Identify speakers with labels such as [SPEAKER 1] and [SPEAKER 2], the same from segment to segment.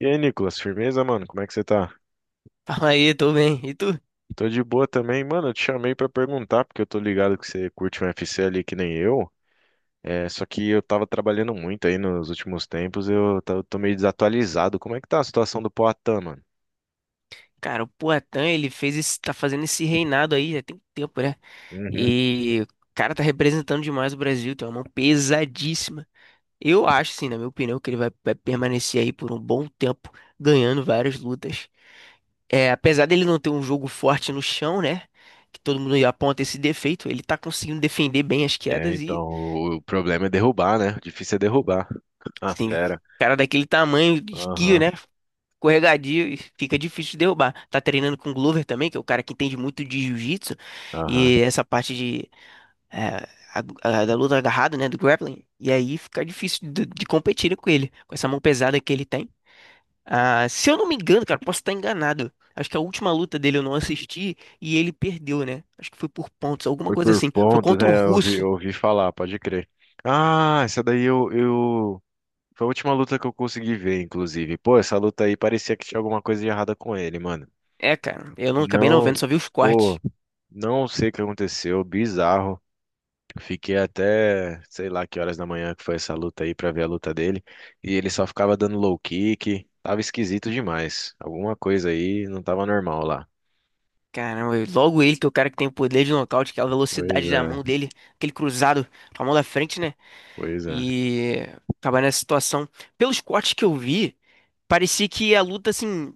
[SPEAKER 1] E aí, Nicolas, firmeza, mano? Como é que você tá?
[SPEAKER 2] Fala aí, tô bem. E tu?
[SPEAKER 1] Tô de boa também, mano. Eu te chamei pra perguntar, porque eu tô ligado que você curte um UFC ali que nem eu. É, só que eu tava trabalhando muito aí nos últimos tempos, tô meio desatualizado. Como é que tá a situação do Poatan, mano?
[SPEAKER 2] Cara, o Poatan, ele fez esse, tá fazendo esse reinado aí, já tem tempo, né?
[SPEAKER 1] Uhum.
[SPEAKER 2] E o cara tá representando demais o Brasil, tem uma mão pesadíssima. Eu acho, sim, na minha opinião, que ele vai permanecer aí por um bom tempo, ganhando várias lutas. É, apesar dele não ter um jogo forte no chão, né? Que todo mundo aponta esse defeito, ele tá conseguindo defender bem as
[SPEAKER 1] É,
[SPEAKER 2] quedas
[SPEAKER 1] então,
[SPEAKER 2] e,
[SPEAKER 1] o problema é derrubar, né? O difícil é derrubar. Ah,
[SPEAKER 2] assim,
[SPEAKER 1] fera.
[SPEAKER 2] cara daquele tamanho, esguio,
[SPEAKER 1] Aham,
[SPEAKER 2] né? Escorregadio e fica difícil de derrubar. Tá treinando com o Glover também, que é o cara que entende muito de jiu-jitsu,
[SPEAKER 1] aham.
[SPEAKER 2] e essa parte de, eh, a- da luta agarrada, né, do grappling, e aí fica difícil de competir com ele, com essa mão pesada que ele tem. Ah, se eu não me engano, cara, posso estar enganado. Acho que a última luta dele eu não assisti e ele perdeu, né? Acho que foi por pontos, alguma
[SPEAKER 1] Foi
[SPEAKER 2] coisa
[SPEAKER 1] por
[SPEAKER 2] assim. Foi
[SPEAKER 1] pontos,
[SPEAKER 2] contra um
[SPEAKER 1] né? Eu ouvi,
[SPEAKER 2] russo.
[SPEAKER 1] eu ouvi falar, pode crer. Ah, essa daí eu. Foi a última luta que eu consegui ver, inclusive. Pô, essa luta aí parecia que tinha alguma coisa de errada com ele, mano.
[SPEAKER 2] É, cara, eu não acabei não vendo,
[SPEAKER 1] Não,
[SPEAKER 2] só vi os cortes.
[SPEAKER 1] pô, não sei o que aconteceu, bizarro. Fiquei até, sei lá que horas da manhã que foi essa luta aí pra ver a luta dele. E ele só ficava dando low kick, tava esquisito demais. Alguma coisa aí não tava normal lá.
[SPEAKER 2] Caramba, e logo ele, que é o cara que tem o poder de nocaute, que é a
[SPEAKER 1] Pois
[SPEAKER 2] velocidade da mão
[SPEAKER 1] é,
[SPEAKER 2] dele, aquele cruzado com a mão da frente, né?
[SPEAKER 1] pois é.
[SPEAKER 2] E acabar nessa situação. Pelos cortes que eu vi, parecia que a luta, assim,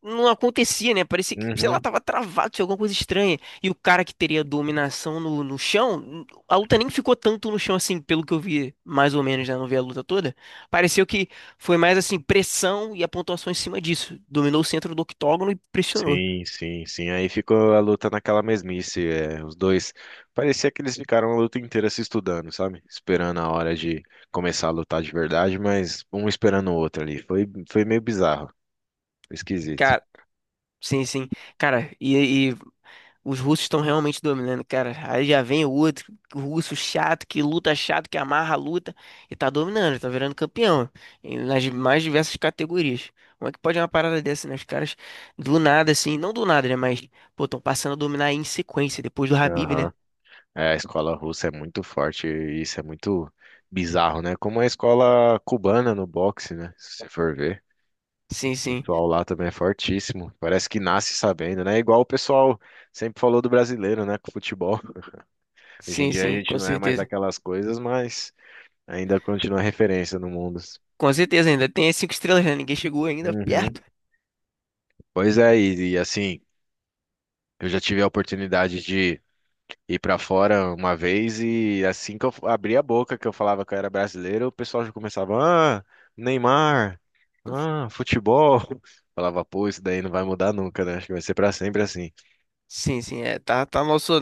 [SPEAKER 2] não acontecia, né? Parecia que, sei lá,
[SPEAKER 1] Uhum.
[SPEAKER 2] tava travado, tinha alguma coisa estranha. E o cara que teria dominação no, no chão, a luta nem ficou tanto no chão, assim, pelo que eu vi, mais ou menos, né? Não vi a luta toda. Pareceu que foi mais, assim, pressão e a pontuação em cima disso. Dominou o centro do octógono e pressionou.
[SPEAKER 1] Sim, sim, sim. Aí ficou a luta naquela mesmice. É, os dois. Parecia que eles ficaram a luta inteira se estudando, sabe? Esperando a hora de começar a lutar de verdade, mas um esperando o outro ali. Foi meio bizarro, esquisito.
[SPEAKER 2] Sim, sim. Cara, e os russos estão realmente dominando, cara. Aí já vem o outro, russo chato, que luta chato, que amarra a luta, e tá dominando, tá virando campeão, nas mais diversas categorias. Como é que pode uma parada dessa, né? Os caras, do nada, assim, não do nada, né? Mas, pô, estão passando a dominar em sequência, depois do Habib, né?
[SPEAKER 1] Aham. É, a escola russa é muito forte e isso é muito bizarro, né? Como a escola cubana no boxe, né? Se você for ver.
[SPEAKER 2] Sim,
[SPEAKER 1] O
[SPEAKER 2] sim.
[SPEAKER 1] pessoal lá também é fortíssimo. Parece que nasce sabendo, né? Igual o pessoal sempre falou do brasileiro, né? Com o futebol. Hoje em
[SPEAKER 2] Sim,
[SPEAKER 1] dia a
[SPEAKER 2] sim,
[SPEAKER 1] gente
[SPEAKER 2] com
[SPEAKER 1] não é mais
[SPEAKER 2] certeza.
[SPEAKER 1] aquelas coisas, mas ainda continua referência no mundo.
[SPEAKER 2] Com certeza ainda. Tem as cinco estrelas, né? Ninguém chegou ainda
[SPEAKER 1] Uhum.
[SPEAKER 2] perto.
[SPEAKER 1] Pois é, e assim, eu já tive a oportunidade de ir pra fora uma vez e assim que eu abria a boca que eu falava que eu era brasileiro, o pessoal já começava, ah, Neymar, ah, futebol. Falava, pô, isso daí não vai mudar nunca, né? Acho que vai ser pra sempre assim.
[SPEAKER 2] Sim, sim, é, tá, tá nosso.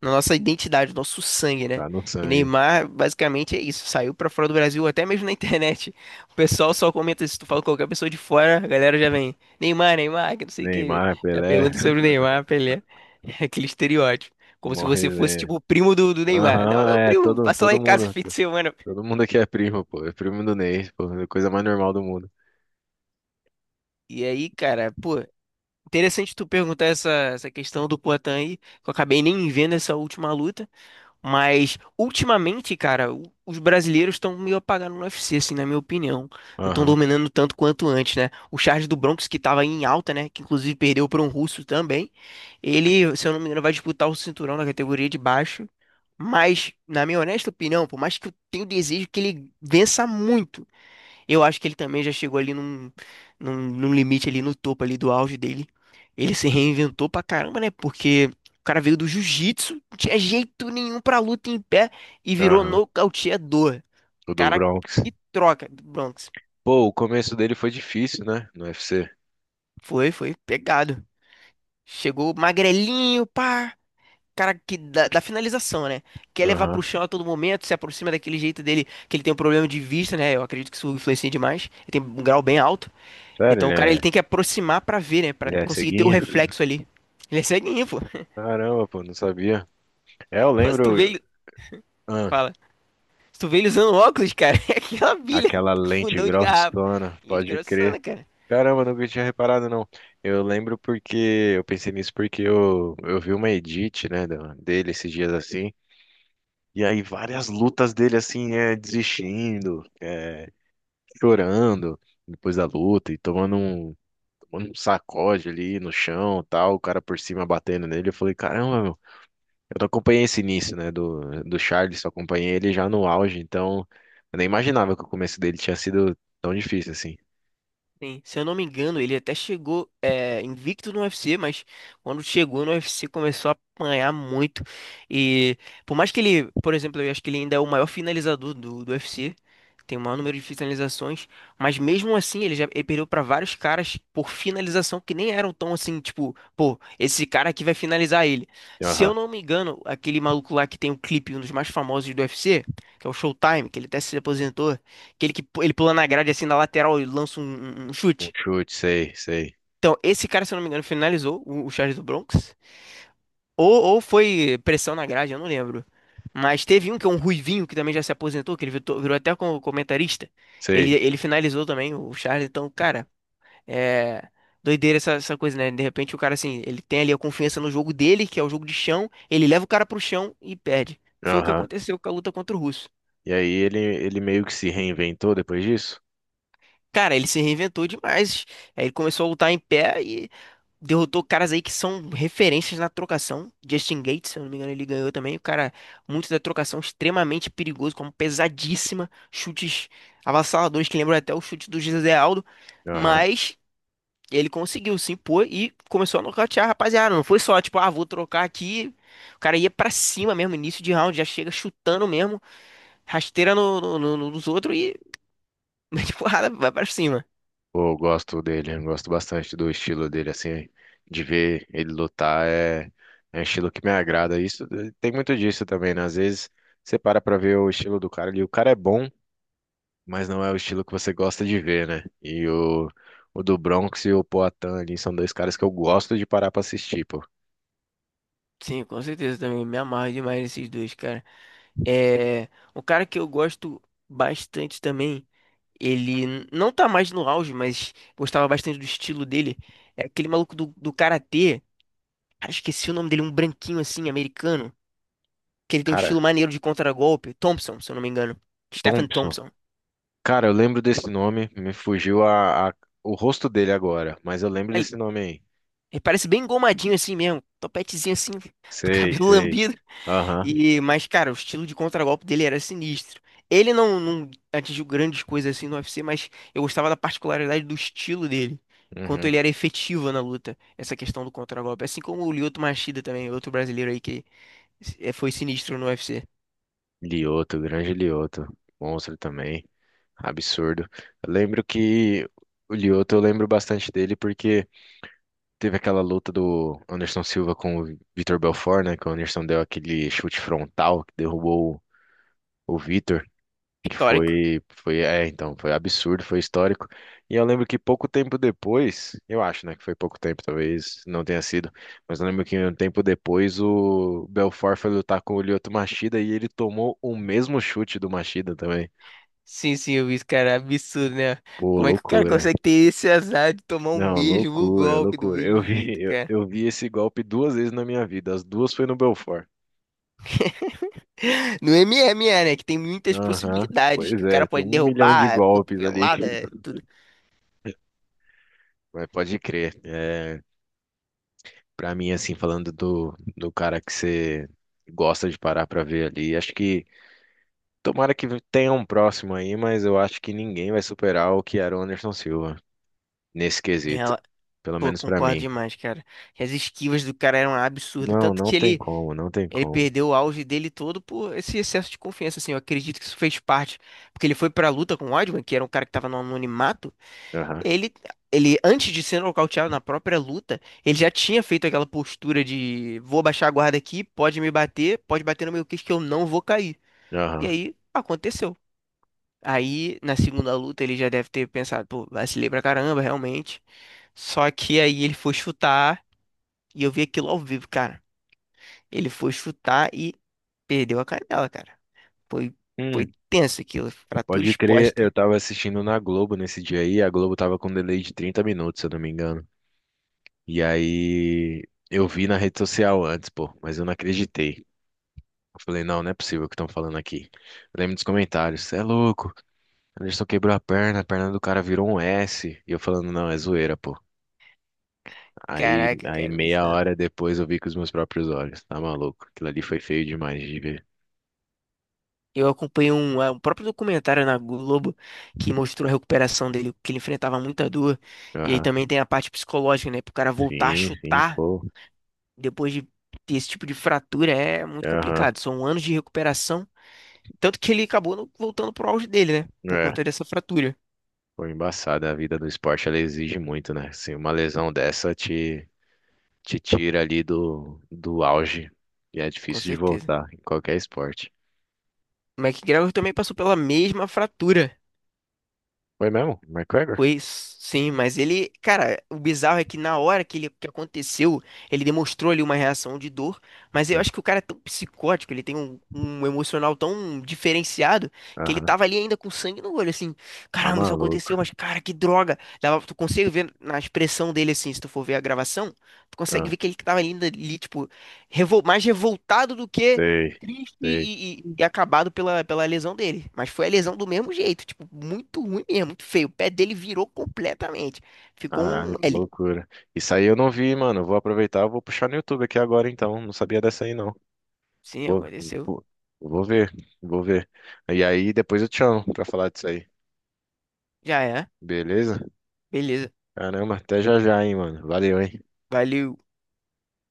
[SPEAKER 2] Na nossa identidade, nosso sangue, né?
[SPEAKER 1] Tá no
[SPEAKER 2] E
[SPEAKER 1] sangue.
[SPEAKER 2] Neymar, basicamente, é isso. Saiu pra fora do Brasil, até mesmo na internet. O pessoal só comenta, se tu fala com qualquer pessoa de fora, a galera já vem, Neymar, Neymar, que não sei o que.
[SPEAKER 1] Neymar,
[SPEAKER 2] Já
[SPEAKER 1] Pelé,
[SPEAKER 2] pergunta sobre o Neymar, Pelé. aquele estereótipo. Como se você
[SPEAKER 1] morre
[SPEAKER 2] fosse,
[SPEAKER 1] né.
[SPEAKER 2] tipo, o primo do Neymar. Não, é
[SPEAKER 1] Aham,
[SPEAKER 2] meu
[SPEAKER 1] é,
[SPEAKER 2] primo,
[SPEAKER 1] todo,
[SPEAKER 2] passa lá
[SPEAKER 1] todo
[SPEAKER 2] em casa
[SPEAKER 1] mundo.
[SPEAKER 2] fim de semana.
[SPEAKER 1] Todo mundo aqui é primo, pô. É primo do Ney, pô. É a coisa mais normal do mundo.
[SPEAKER 2] E aí, cara, pô, interessante tu perguntar essa questão do Poatan aí, que eu acabei nem vendo essa última luta. Mas ultimamente, cara, os brasileiros estão meio apagando no UFC, assim, na minha opinião. Não estão
[SPEAKER 1] Aham,
[SPEAKER 2] dominando tanto quanto antes, né? O Charles do Bronx, que tava em alta, né? Que inclusive perdeu para um russo também. Ele, se eu não me engano, vai disputar o cinturão na categoria de baixo. Mas, na minha honesta opinião, por mais que eu tenha o desejo que ele vença muito. Eu acho que ele também já chegou ali num limite ali no topo ali do auge dele. Ele se reinventou pra caramba, né? Porque o cara veio do jiu-jitsu, não tinha jeito nenhum pra luta em pé e virou
[SPEAKER 1] aham.
[SPEAKER 2] nocauteador.
[SPEAKER 1] O do
[SPEAKER 2] Cara,
[SPEAKER 1] Bronx.
[SPEAKER 2] que troca do Bronx.
[SPEAKER 1] Pô, o começo dele foi difícil, né? No UFC.
[SPEAKER 2] Foi pegado. Chegou magrelinho, pá. Cara que da finalização, né? Quer levar pro
[SPEAKER 1] Aham.
[SPEAKER 2] chão a todo momento, se aproxima daquele jeito dele, que ele tem um problema de vista, né? Eu acredito que isso influencia demais. Ele tem um grau bem alto.
[SPEAKER 1] Sério,
[SPEAKER 2] Então
[SPEAKER 1] ele
[SPEAKER 2] o cara ele
[SPEAKER 1] é,
[SPEAKER 2] tem que aproximar pra ver, né? Pra
[SPEAKER 1] ele é
[SPEAKER 2] conseguir ter o
[SPEAKER 1] ceguinho?
[SPEAKER 2] reflexo ali. Ele é ceguinho, pô.
[SPEAKER 1] Caramba, pô, não sabia. É, eu
[SPEAKER 2] Pô, se tu vê
[SPEAKER 1] lembro,
[SPEAKER 2] ele.
[SPEAKER 1] ah,
[SPEAKER 2] Fala. Se tu vê ele usando óculos, cara, é aquela bilha
[SPEAKER 1] aquela
[SPEAKER 2] com
[SPEAKER 1] lente
[SPEAKER 2] fundão de garrafa.
[SPEAKER 1] grossona,
[SPEAKER 2] Ele é de
[SPEAKER 1] pode
[SPEAKER 2] grossona,
[SPEAKER 1] crer.
[SPEAKER 2] cara.
[SPEAKER 1] Caramba, nunca tinha reparado, não. Eu lembro porque, eu pensei nisso porque eu vi uma edit, né, dele esses dias assim, e aí várias lutas dele assim, é, desistindo, é, chorando depois da luta e tomando um sacode ali no chão, tal, o cara por cima batendo nele. Eu falei, caramba, eu não acompanhei esse início, né, do Charles, só acompanhei ele já no auge, então eu nem imaginava que o começo dele tinha sido tão difícil assim.
[SPEAKER 2] Sim, se eu não me engano, ele até chegou é, invicto no UFC, mas quando chegou no UFC começou a apanhar muito. E por mais que ele, por exemplo, eu acho que ele ainda é o maior finalizador do UFC, tem o maior número de finalizações, mas mesmo assim ele já ele perdeu para vários caras por finalização que nem eram tão assim, tipo, pô, esse cara aqui vai finalizar ele. Se
[SPEAKER 1] Aham.
[SPEAKER 2] eu não me engano, aquele maluco lá que tem um clipe, um dos mais famosos do UFC, que é o Showtime, que ele até se aposentou, aquele que pu- ele pula na grade assim na lateral e lança um
[SPEAKER 1] Um
[SPEAKER 2] chute.
[SPEAKER 1] chute, sei, sei,
[SPEAKER 2] Então, esse cara, se eu não me engano, finalizou o Charles do Bronx. Ou foi pressão na grade, eu não lembro. Mas teve um que é um ruivinho que também já se aposentou, que ele virou, virou até como comentarista. Ele,
[SPEAKER 1] sei.
[SPEAKER 2] ele finalizou também o Charles. Então, cara, é doideira essa, essa coisa, né? De repente o cara, assim, ele tem ali a confiança no jogo dele, que é o jogo de chão. Ele leva o cara pro chão e perde. Foi o que
[SPEAKER 1] Aham.
[SPEAKER 2] aconteceu com a luta contra o Russo.
[SPEAKER 1] E aí ele meio que se reinventou depois disso?
[SPEAKER 2] Cara, ele se reinventou demais. Aí ele começou a lutar em pé e derrotou caras aí que são referências na trocação. Justin Gates, se eu não me engano, ele ganhou também. O cara, muito da trocação, extremamente perigoso, como pesadíssima. Chutes avassaladores que lembram até o chute do José Aldo.
[SPEAKER 1] Aham.
[SPEAKER 2] Mas ele conseguiu se impor e começou a nocautear a rapaziada. Não foi só, tipo, ah, vou trocar aqui. O cara ia pra cima mesmo, início de round, já chega chutando mesmo, rasteira nos outros e mete porrada, vai pra cima.
[SPEAKER 1] Pô, eu gosto dele, eu gosto bastante do estilo dele, assim, de ver ele lutar é um estilo que me agrada. Isso tem muito disso também, né? Às vezes você para pra ver o estilo do cara e o cara é bom, mas não é o estilo que você gosta de ver, né? E o do Bronx e o Poatan ali são dois caras que eu gosto de parar pra assistir, pô.
[SPEAKER 2] Sim, com certeza também. Me amarro demais nesses dois, cara. É, um cara que eu gosto bastante também, ele não tá mais no auge, mas gostava bastante do estilo dele. É aquele maluco do karatê, cara, esqueci o nome dele, um branquinho assim, americano, que ele tem um
[SPEAKER 1] Cara,
[SPEAKER 2] estilo maneiro de contragolpe. Thompson, se eu não me engano. Stephen
[SPEAKER 1] Thompson.
[SPEAKER 2] Thompson.
[SPEAKER 1] Cara, eu lembro desse nome, me fugiu o rosto dele agora, mas eu lembro
[SPEAKER 2] Ele,
[SPEAKER 1] desse nome aí.
[SPEAKER 2] ele parece bem engomadinho assim mesmo, topetezinho assim, do
[SPEAKER 1] Sei,
[SPEAKER 2] cabelo
[SPEAKER 1] sei.
[SPEAKER 2] lambido.
[SPEAKER 1] Aham,
[SPEAKER 2] E, mas, cara, o estilo de contragolpe dele era sinistro. Ele não atingiu grandes coisas assim no UFC, mas eu gostava da particularidade do estilo dele. Quanto
[SPEAKER 1] uhum.
[SPEAKER 2] ele era efetivo na luta, essa questão do contragolpe. Assim como o Lyoto Machida também, outro brasileiro aí que foi sinistro no UFC.
[SPEAKER 1] Lioto, grande Lioto. Monstro também. Absurdo. Eu lembro que o Lioto, eu lembro bastante dele porque. Teve aquela luta do Anderson Silva com o Vitor Belfort, né? Que o Anderson deu aquele chute frontal que derrubou o Vitor, que
[SPEAKER 2] Histórico.
[SPEAKER 1] foi, é, então, foi absurdo, foi histórico. E eu lembro que pouco tempo depois, eu acho, né, que foi pouco tempo, talvez não tenha sido, mas eu lembro que um tempo depois o Belfort foi lutar com o Lyoto Machida e ele tomou o mesmo chute do Machida também.
[SPEAKER 2] Sim, sim, eu vi isso, cara. Absurdo, né?
[SPEAKER 1] Pô,
[SPEAKER 2] Como é que o cara
[SPEAKER 1] loucura.
[SPEAKER 2] consegue ter esse azar de tomar o
[SPEAKER 1] Não,
[SPEAKER 2] mesmo
[SPEAKER 1] loucura,
[SPEAKER 2] golpe do
[SPEAKER 1] loucura. Eu
[SPEAKER 2] mesmo jeito,
[SPEAKER 1] vi, eu,
[SPEAKER 2] cara?
[SPEAKER 1] eu vi esse golpe duas vezes na minha vida. As duas foi no Belfort.
[SPEAKER 2] No MMA, né? Que tem muitas
[SPEAKER 1] Aham.
[SPEAKER 2] possibilidades
[SPEAKER 1] Pois
[SPEAKER 2] que o
[SPEAKER 1] é,
[SPEAKER 2] cara
[SPEAKER 1] tem
[SPEAKER 2] pode
[SPEAKER 1] um milhão de
[SPEAKER 2] derrubar,
[SPEAKER 1] golpes ali que.
[SPEAKER 2] cotovelada, tudo.
[SPEAKER 1] Mas pode crer. É, para mim, assim, falando do cara que você gosta de parar pra ver ali, acho que tomara que tenha um próximo aí, mas eu acho que ninguém vai superar o que era o Anderson Silva nesse
[SPEAKER 2] E
[SPEAKER 1] quesito.
[SPEAKER 2] ela-
[SPEAKER 1] Pelo
[SPEAKER 2] pô,
[SPEAKER 1] menos pra
[SPEAKER 2] concordo
[SPEAKER 1] mim.
[SPEAKER 2] demais, cara. E as esquivas do cara eram absurdas.
[SPEAKER 1] Não,
[SPEAKER 2] Tanto
[SPEAKER 1] não
[SPEAKER 2] que
[SPEAKER 1] tem
[SPEAKER 2] ele,
[SPEAKER 1] como, não tem
[SPEAKER 2] ele
[SPEAKER 1] como.
[SPEAKER 2] perdeu o auge dele todo por esse excesso de confiança, assim. Eu acredito que isso fez parte. Porque ele foi pra luta com o Weidman, que era um cara que tava no anonimato.
[SPEAKER 1] Aham,
[SPEAKER 2] Ele, ele, antes de ser nocauteado na própria luta, ele já tinha feito aquela postura de vou baixar a guarda aqui, pode me bater, pode bater no meu queixo que eu não vou cair. E
[SPEAKER 1] aham.
[SPEAKER 2] aí, aconteceu. Aí, na segunda luta, ele já deve ter pensado, pô, vacilei pra caramba, realmente. Só que aí ele foi chutar e eu vi aquilo ao vivo, cara. Ele foi chutar e perdeu a canela, cara. Foi, foi
[SPEAKER 1] Hum,
[SPEAKER 2] tenso aquilo, fratura
[SPEAKER 1] pode crer, eu
[SPEAKER 2] exposta.
[SPEAKER 1] tava assistindo na Globo nesse dia aí, a Globo tava com um delay de 30 minutos, se eu não me engano. E aí eu vi na rede social antes, pô, mas eu não acreditei. Eu falei, não, não é possível o que estão falando aqui. Eu lembro dos comentários, você é louco, Anderson quebrou a perna do cara virou um S. E eu falando, não, é zoeira, pô. Aí,
[SPEAKER 2] Caraca,
[SPEAKER 1] aí
[SPEAKER 2] cara,
[SPEAKER 1] meia
[SPEAKER 2] bizarro.
[SPEAKER 1] hora depois eu vi com os meus próprios olhos, tá maluco? Aquilo ali foi feio demais de ver.
[SPEAKER 2] Eu acompanhei um próprio documentário na Globo que mostrou a recuperação dele, que ele enfrentava muita dor. E aí
[SPEAKER 1] Aham.
[SPEAKER 2] também tem a parte psicológica, né? Pro cara voltar a
[SPEAKER 1] Sim, sim,
[SPEAKER 2] chutar
[SPEAKER 1] pô.
[SPEAKER 2] depois de ter esse tipo de fratura é muito
[SPEAKER 1] Aham.
[SPEAKER 2] complicado. São anos de recuperação. Tanto que ele acabou voltando pro auge dele, né? Por
[SPEAKER 1] É,
[SPEAKER 2] conta dessa fratura,
[SPEAKER 1] foi embaçada. A vida do esporte, ela exige muito, né? Assim, uma lesão dessa te tira ali do auge e é
[SPEAKER 2] com
[SPEAKER 1] difícil de
[SPEAKER 2] certeza.
[SPEAKER 1] voltar em qualquer esporte.
[SPEAKER 2] O McGregor também passou pela mesma fratura.
[SPEAKER 1] Foi mesmo? McGregor?
[SPEAKER 2] Pois sim, mas ele, cara, o bizarro é que na hora que ele que aconteceu, ele demonstrou ali uma reação de dor, mas eu
[SPEAKER 1] Hum.
[SPEAKER 2] acho que o cara é tão psicótico, ele tem um, um emocional tão diferenciado que ele
[SPEAKER 1] Aham.
[SPEAKER 2] tava ali ainda com sangue no olho, assim,
[SPEAKER 1] Tá
[SPEAKER 2] caramba, isso
[SPEAKER 1] maluco.
[SPEAKER 2] aconteceu, mas cara, que droga. Dava, tu consegue ver na expressão dele assim, se tu for ver a gravação, tu consegue
[SPEAKER 1] Ah,
[SPEAKER 2] ver que ele tava ali, ainda ali tipo, mais revoltado do que
[SPEAKER 1] sei,
[SPEAKER 2] triste
[SPEAKER 1] sei.
[SPEAKER 2] e acabado pela, pela lesão dele. Mas foi a lesão do mesmo jeito, tipo, muito ruim mesmo, muito feio. O pé dele virou completamente. Ficou um
[SPEAKER 1] Caralho, que
[SPEAKER 2] L.
[SPEAKER 1] loucura. Isso aí eu não vi, mano. Eu vou aproveitar, eu vou puxar no YouTube aqui agora então. Não sabia dessa aí não.
[SPEAKER 2] Sim,
[SPEAKER 1] Vou,
[SPEAKER 2] aconteceu.
[SPEAKER 1] vou, vou ver, vou ver. E aí depois eu te chamo pra falar disso aí.
[SPEAKER 2] Já é.
[SPEAKER 1] Beleza?
[SPEAKER 2] Beleza.
[SPEAKER 1] Caramba, até já já, hein, mano. Valeu, hein.
[SPEAKER 2] Valeu.